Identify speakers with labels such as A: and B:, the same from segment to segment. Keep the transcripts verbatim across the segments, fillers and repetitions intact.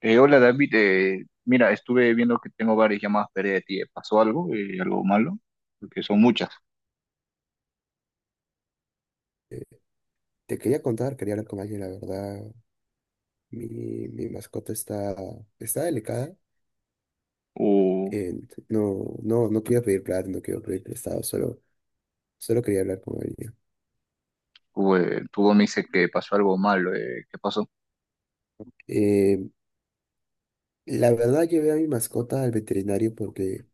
A: Eh, hola David, eh, mira, estuve viendo que tengo varias llamadas perdidas de ti. ¿Eh? ¿Pasó algo? Eh, ¿algo malo? Porque son muchas.
B: Eh, Te quería contar, quería hablar con alguien, la verdad. Mi, mi mascota está, está delicada.
A: O,
B: eh, no, no, no quería pedir plata, no quiero pedir prestado, solo, solo quería hablar con alguien.
A: o, eh, tu voz me dice que pasó algo malo. Eh, ¿qué pasó?
B: Eh, la verdad, llevé a mi mascota al veterinario porque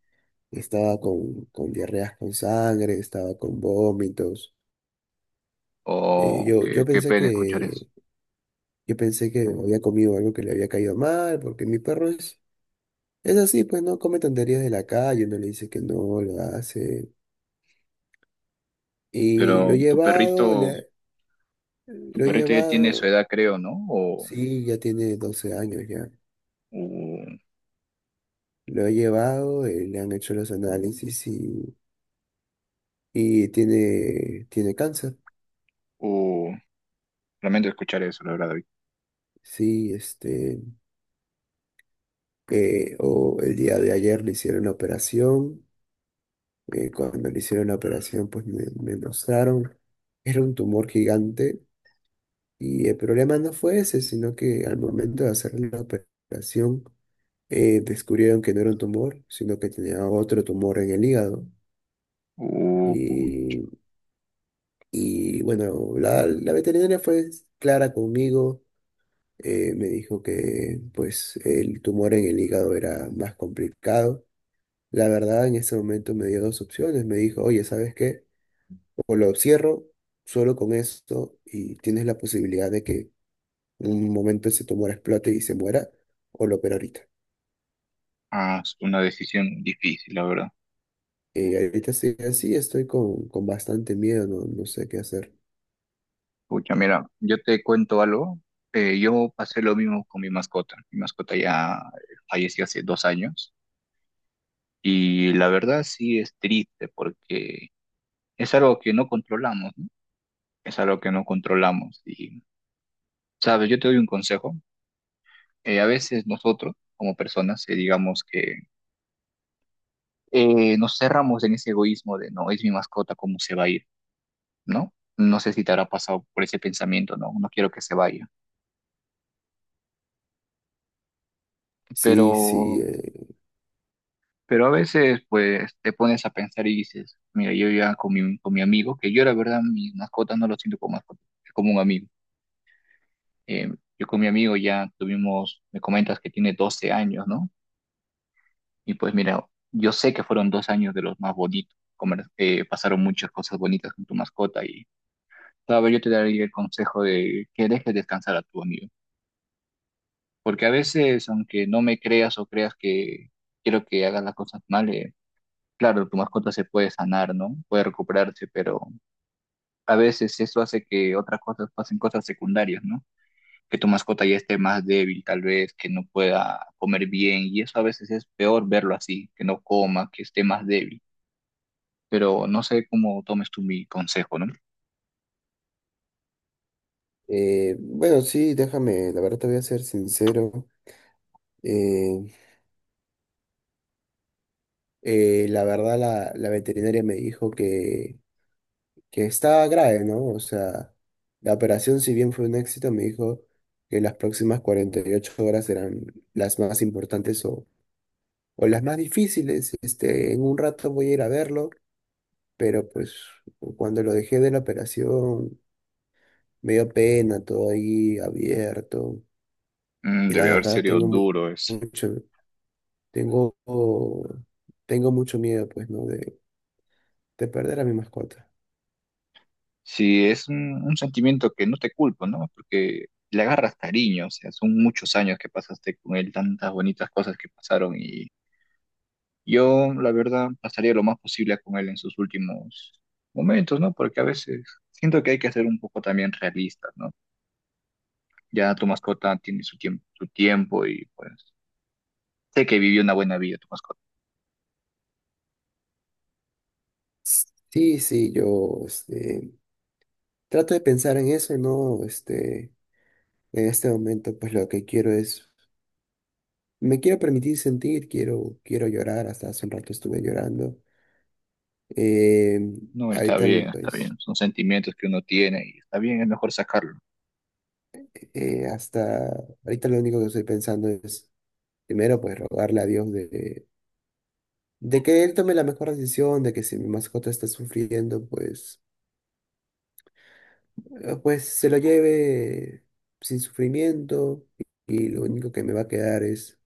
B: estaba con, con diarreas con sangre, estaba con vómitos. Eh,
A: O
B: yo,
A: que
B: yo
A: qué
B: pensé
A: pena escuchar eso.
B: que, yo pensé que había comido algo que le había caído mal, porque mi perro es, es así, pues no come tonterías de la calle, no le dice que no, lo hace. Y lo
A: Pero
B: he
A: tu
B: llevado,
A: perrito,
B: le-
A: tu
B: lo he
A: perrito ya tiene su
B: llevado,
A: edad, creo, ¿no? O,
B: sí, ya tiene doce años ya.
A: o,
B: Lo he llevado, eh, le han hecho los análisis y, y tiene, tiene cáncer.
A: o- lamento escuchar eso, la verdad, David.
B: Sí, este, eh, o el día de ayer le hicieron la operación. Eh, cuando le hicieron la operación, pues me, me mostraron, era un tumor gigante y el problema no fue ese, sino que al momento de hacer la operación, eh, descubrieron que no era un tumor, sino que tenía otro tumor en el hígado.
A: O, o-
B: Y, y bueno, la, la veterinaria fue clara conmigo, eh, me dijo que pues el tumor en el hígado era más complicado. La verdad, en ese momento me dio dos opciones, me dijo, oye, ¿sabes qué? O lo cierro solo con esto y tienes la posibilidad de que en un momento ese tumor explote y se muera, o lo opero ahorita.
A: ah, es una decisión difícil, la verdad.
B: Eh, ahorita estoy así, estoy con, con bastante miedo, no, no sé qué hacer.
A: Pucha, mira, yo te cuento algo. Eh, yo pasé lo mismo con mi mascota. Mi mascota ya falleció hace dos años y la verdad sí es triste porque es algo que no controlamos, ¿no? Es algo que no controlamos. Y, sabes, yo te doy un consejo. Eh, a veces nosotros, como personas, eh, digamos que eh, nos cerramos en ese egoísmo de no, es mi mascota, ¿cómo se va a ir? ¿No? No sé si te habrá pasado por ese pensamiento, no, no quiero que se vaya.
B: Sí,
A: Pero
B: sí. Eh,
A: Pero a veces, pues, te pones a pensar y dices, mira, yo ya con mi, con mi amigo, que yo la verdad, mis mascotas no lo siento como mascotas, es como un amigo. Eh, yo con mi amigo ya tuvimos, me comentas que tiene doce años, ¿no? Y pues mira, yo sé que fueron dos años de los más bonitos, comer- eh, pasaron muchas cosas bonitas con tu mascota y tal vez yo te daría el consejo de que dejes descansar a tu amigo. Porque a veces, aunque no me creas o creas que quiero que hagas las cosas mal, eh, claro, tu mascota se puede sanar, ¿no? Puede recuperarse, pero a veces eso hace que otras cosas pasen cosas secundarias, ¿no? Que tu mascota ya esté más débil, tal vez, que no pueda comer bien, y eso a veces es peor verlo así, que no coma, que esté más débil. Pero no sé cómo tomes tú mi consejo, ¿no?
B: eh, bueno, sí, déjame, la verdad te voy a ser sincero. eh, eh, la verdad la, la veterinaria me dijo que, que estaba grave, ¿no? O sea, la operación, si bien fue un éxito, me dijo que las próximas cuarenta y ocho horas eran las más importantes o, o las más difíciles. Este, en un rato voy a ir a verlo, pero pues cuando lo dejé de la operación, me dio pena, todo ahí abierto.
A: Mm,
B: Y la
A: debe haber
B: verdad
A: sido
B: tengo mu-
A: duro eso.
B: mucho. Tengo, Tengo mucho miedo, pues, ¿no? De, de perder a mi mascota.
A: Sí, es un, un sentimiento que no te culpo, ¿no? Porque le agarras cariño, o sea, son muchos años que pasaste con él, tantas bonitas cosas que pasaron y yo, la verdad, pasaría lo más posible con él en sus últimos momentos, ¿no? Porque a veces siento que hay que ser un poco también realistas, ¿no? Ya tu mascota tiene su tiempo, su tiempo y pues sé que vivió una buena vida tu mascota.
B: Sí, sí, yo, este, trato de pensar en eso, ¿no? Este, en este momento, pues, lo que quiero es, me quiero permitir sentir, quiero, quiero llorar, hasta hace un rato estuve llorando. Eh,
A: No, está
B: Ahorita,
A: bien, está
B: pues,
A: bien. Son sentimientos que uno tiene y está bien, es mejor sacarlo.
B: eh, hasta, ahorita lo único que estoy pensando es, primero, pues, rogarle a Dios de, de que él tome la mejor decisión, de que si mi mascota está sufriendo, pues eh, pues se lo lleve sin sufrimiento y lo único que me va a quedar es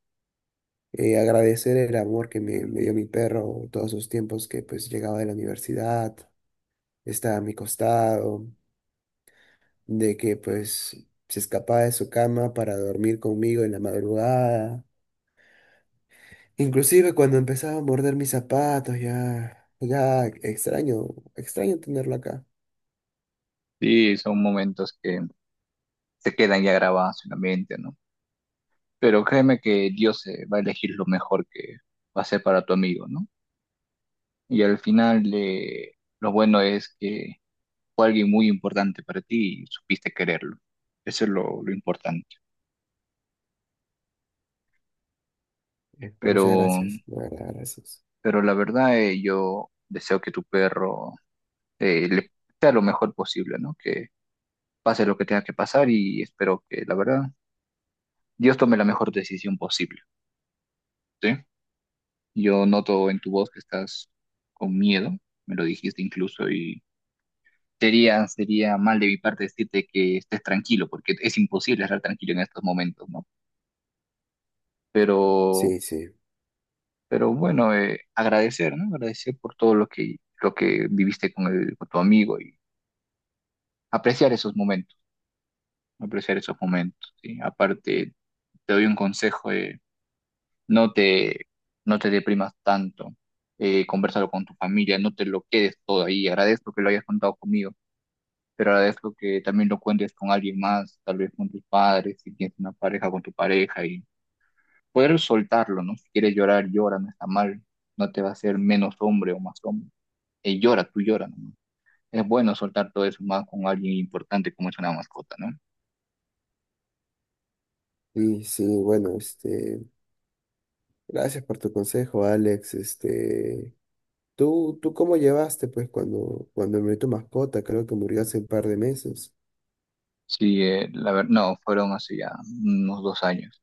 B: eh, agradecer el amor que me, me dio mi perro todos esos tiempos que pues llegaba de la universidad, estaba a mi costado, de que pues se escapaba de su cama para dormir conmigo en la madrugada. Inclusive cuando empezaba a morder mis zapatos, ya, ya extraño, extraño tenerlo acá.
A: Sí, son momentos que se quedan ya grabados en la mente, ¿no? Pero créeme que Dios eh, va a elegir lo mejor que va a ser para tu amigo, ¿no? Y al final, eh, lo bueno es que fue alguien muy importante para ti y supiste quererlo. Eso es lo, lo importante.
B: Eh,
A: Pero,
B: Muchas gracias, de verdad, gracias.
A: pero la verdad, eh, yo deseo que tu perro eh, le sea lo mejor posible, ¿no? Que pase lo que tenga que pasar y espero que, la verdad, Dios tome la mejor decisión posible, ¿sí? Yo noto en tu voz que estás con miedo, me lo dijiste incluso, y sería, sería mal de mi parte decirte que estés tranquilo, porque es imposible estar tranquilo en estos momentos, ¿no? Pero
B: Sí, sí.
A: Pero bueno, eh, agradecer, ¿no? Agradecer por todo lo que, lo que viviste con, el- con tu amigo y apreciar esos momentos, apreciar esos momentos, ¿sí? Aparte, te doy un consejo, eh, no te, no te deprimas tanto, eh, conversalo con tu familia, no te lo quedes todo ahí. Agradezco que lo hayas contado conmigo, pero agradezco que también lo cuentes con alguien más, tal vez con tus padres, si tienes una pareja, con tu pareja y poder soltarlo, ¿no? Si quieres llorar, llora, no está mal, no te va a hacer menos hombre o más hombre. Él llora, tú lloras, ¿no? Es bueno soltar todo eso más con alguien importante como es una mascota, ¿no?
B: Y sí, bueno, este, gracias por tu consejo, Alex. Este, ¿tú, tú cómo llevaste, pues, cuando, cuando murió tu mascota? Creo que murió hace un par de meses.
A: Sí, eh, la verdad, no, fueron hace ya unos dos años.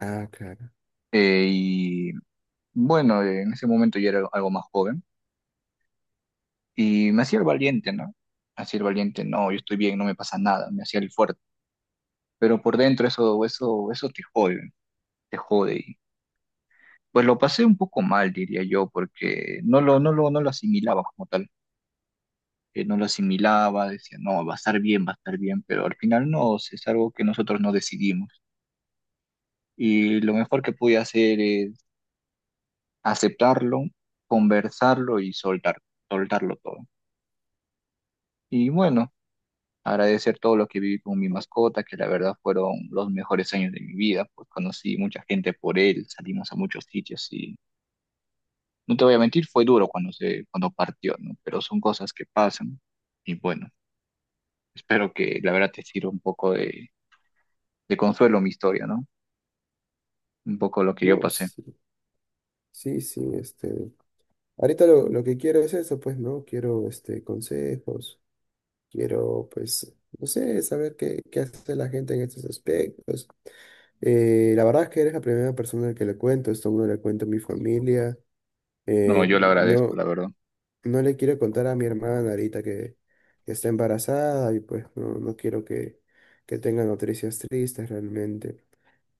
B: Ah, claro.
A: Eh, y bueno, eh, en ese momento yo era algo más joven y me hacía el valiente, ¿no? Me hacía el valiente, no, yo estoy bien, no me pasa nada, me hacía el fuerte. Pero por dentro eso, eso, eso te jode, te jode. Y pues lo pasé un poco mal, diría yo, porque no lo, no lo, no lo asimilaba como tal. Eh, no lo asimilaba, decía, no, va a estar bien, va a estar bien, pero al final no, si es algo que nosotros no decidimos. Y lo mejor que pude hacer es aceptarlo, conversarlo y soltar, soltarlo todo. Y bueno, agradecer todo lo que viví con mi mascota, que la verdad fueron los mejores años de mi vida, pues conocí mucha gente por él, salimos a muchos sitios y no te voy a mentir, fue duro cuando se, cuando partió, ¿no? Pero son cosas que pasan y bueno, espero que la verdad te sirva un poco de, de consuelo mi historia, ¿no? Un poco lo que yo
B: No,
A: pasé.
B: sí, sí, sí, este. Ahorita lo, lo que quiero es eso, pues, ¿no? Quiero, este, consejos. Quiero, pues, no sé, saber qué, qué hace la gente en estos aspectos. Eh, la verdad es que eres la primera persona que le cuento, esto no le cuento a mi familia.
A: No,
B: Eh,
A: yo le agradezco,
B: no,
A: la verdad.
B: no le quiero contar a mi hermana ahorita que, que está embarazada y pues no, no quiero que, que tenga noticias tristes realmente.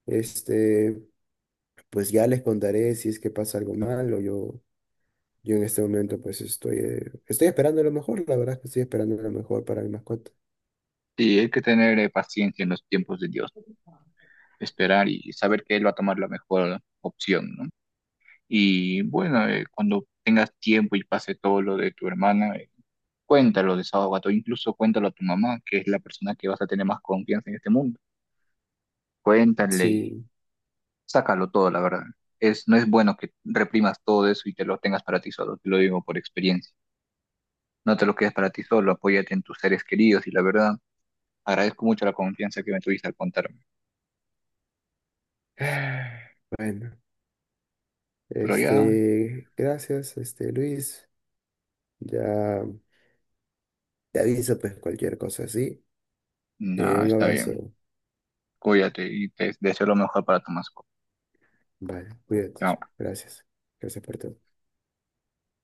B: Este, pues ya les contaré si es que pasa algo malo. Yo, yo en este momento pues estoy, eh, estoy esperando lo mejor, la verdad es que estoy esperando lo mejor para mi mascota.
A: Y hay que tener eh, paciencia en los tiempos de Dios, ¿no? Esperar y saber que Él va a tomar la mejor opción, ¿no? Y bueno, eh, cuando tengas tiempo y pase todo lo de tu hermana, eh, cuéntalo, desahógate, o incluso cuéntalo a tu mamá, que es la persona que vas a tener más confianza en este mundo. Cuéntale y
B: Sí,
A: sácalo todo, la verdad. Es, no es bueno que reprimas todo eso y te lo tengas para ti solo, te lo digo por experiencia. No te lo quedes para ti solo, apóyate en tus seres queridos y la verdad. Agradezco mucho la confianza que me tuviste al contarme.
B: Ah, Bueno,
A: Pero ya,
B: este, gracias, este, Luis. Ya te aviso, pues, cualquier cosa así. Eh,
A: nada,
B: un
A: está bien.
B: abrazo.
A: Cuídate y te deseo lo mejor para tu
B: Vale, cuídate.
A: Chao.
B: Gracias. Gracias por todo.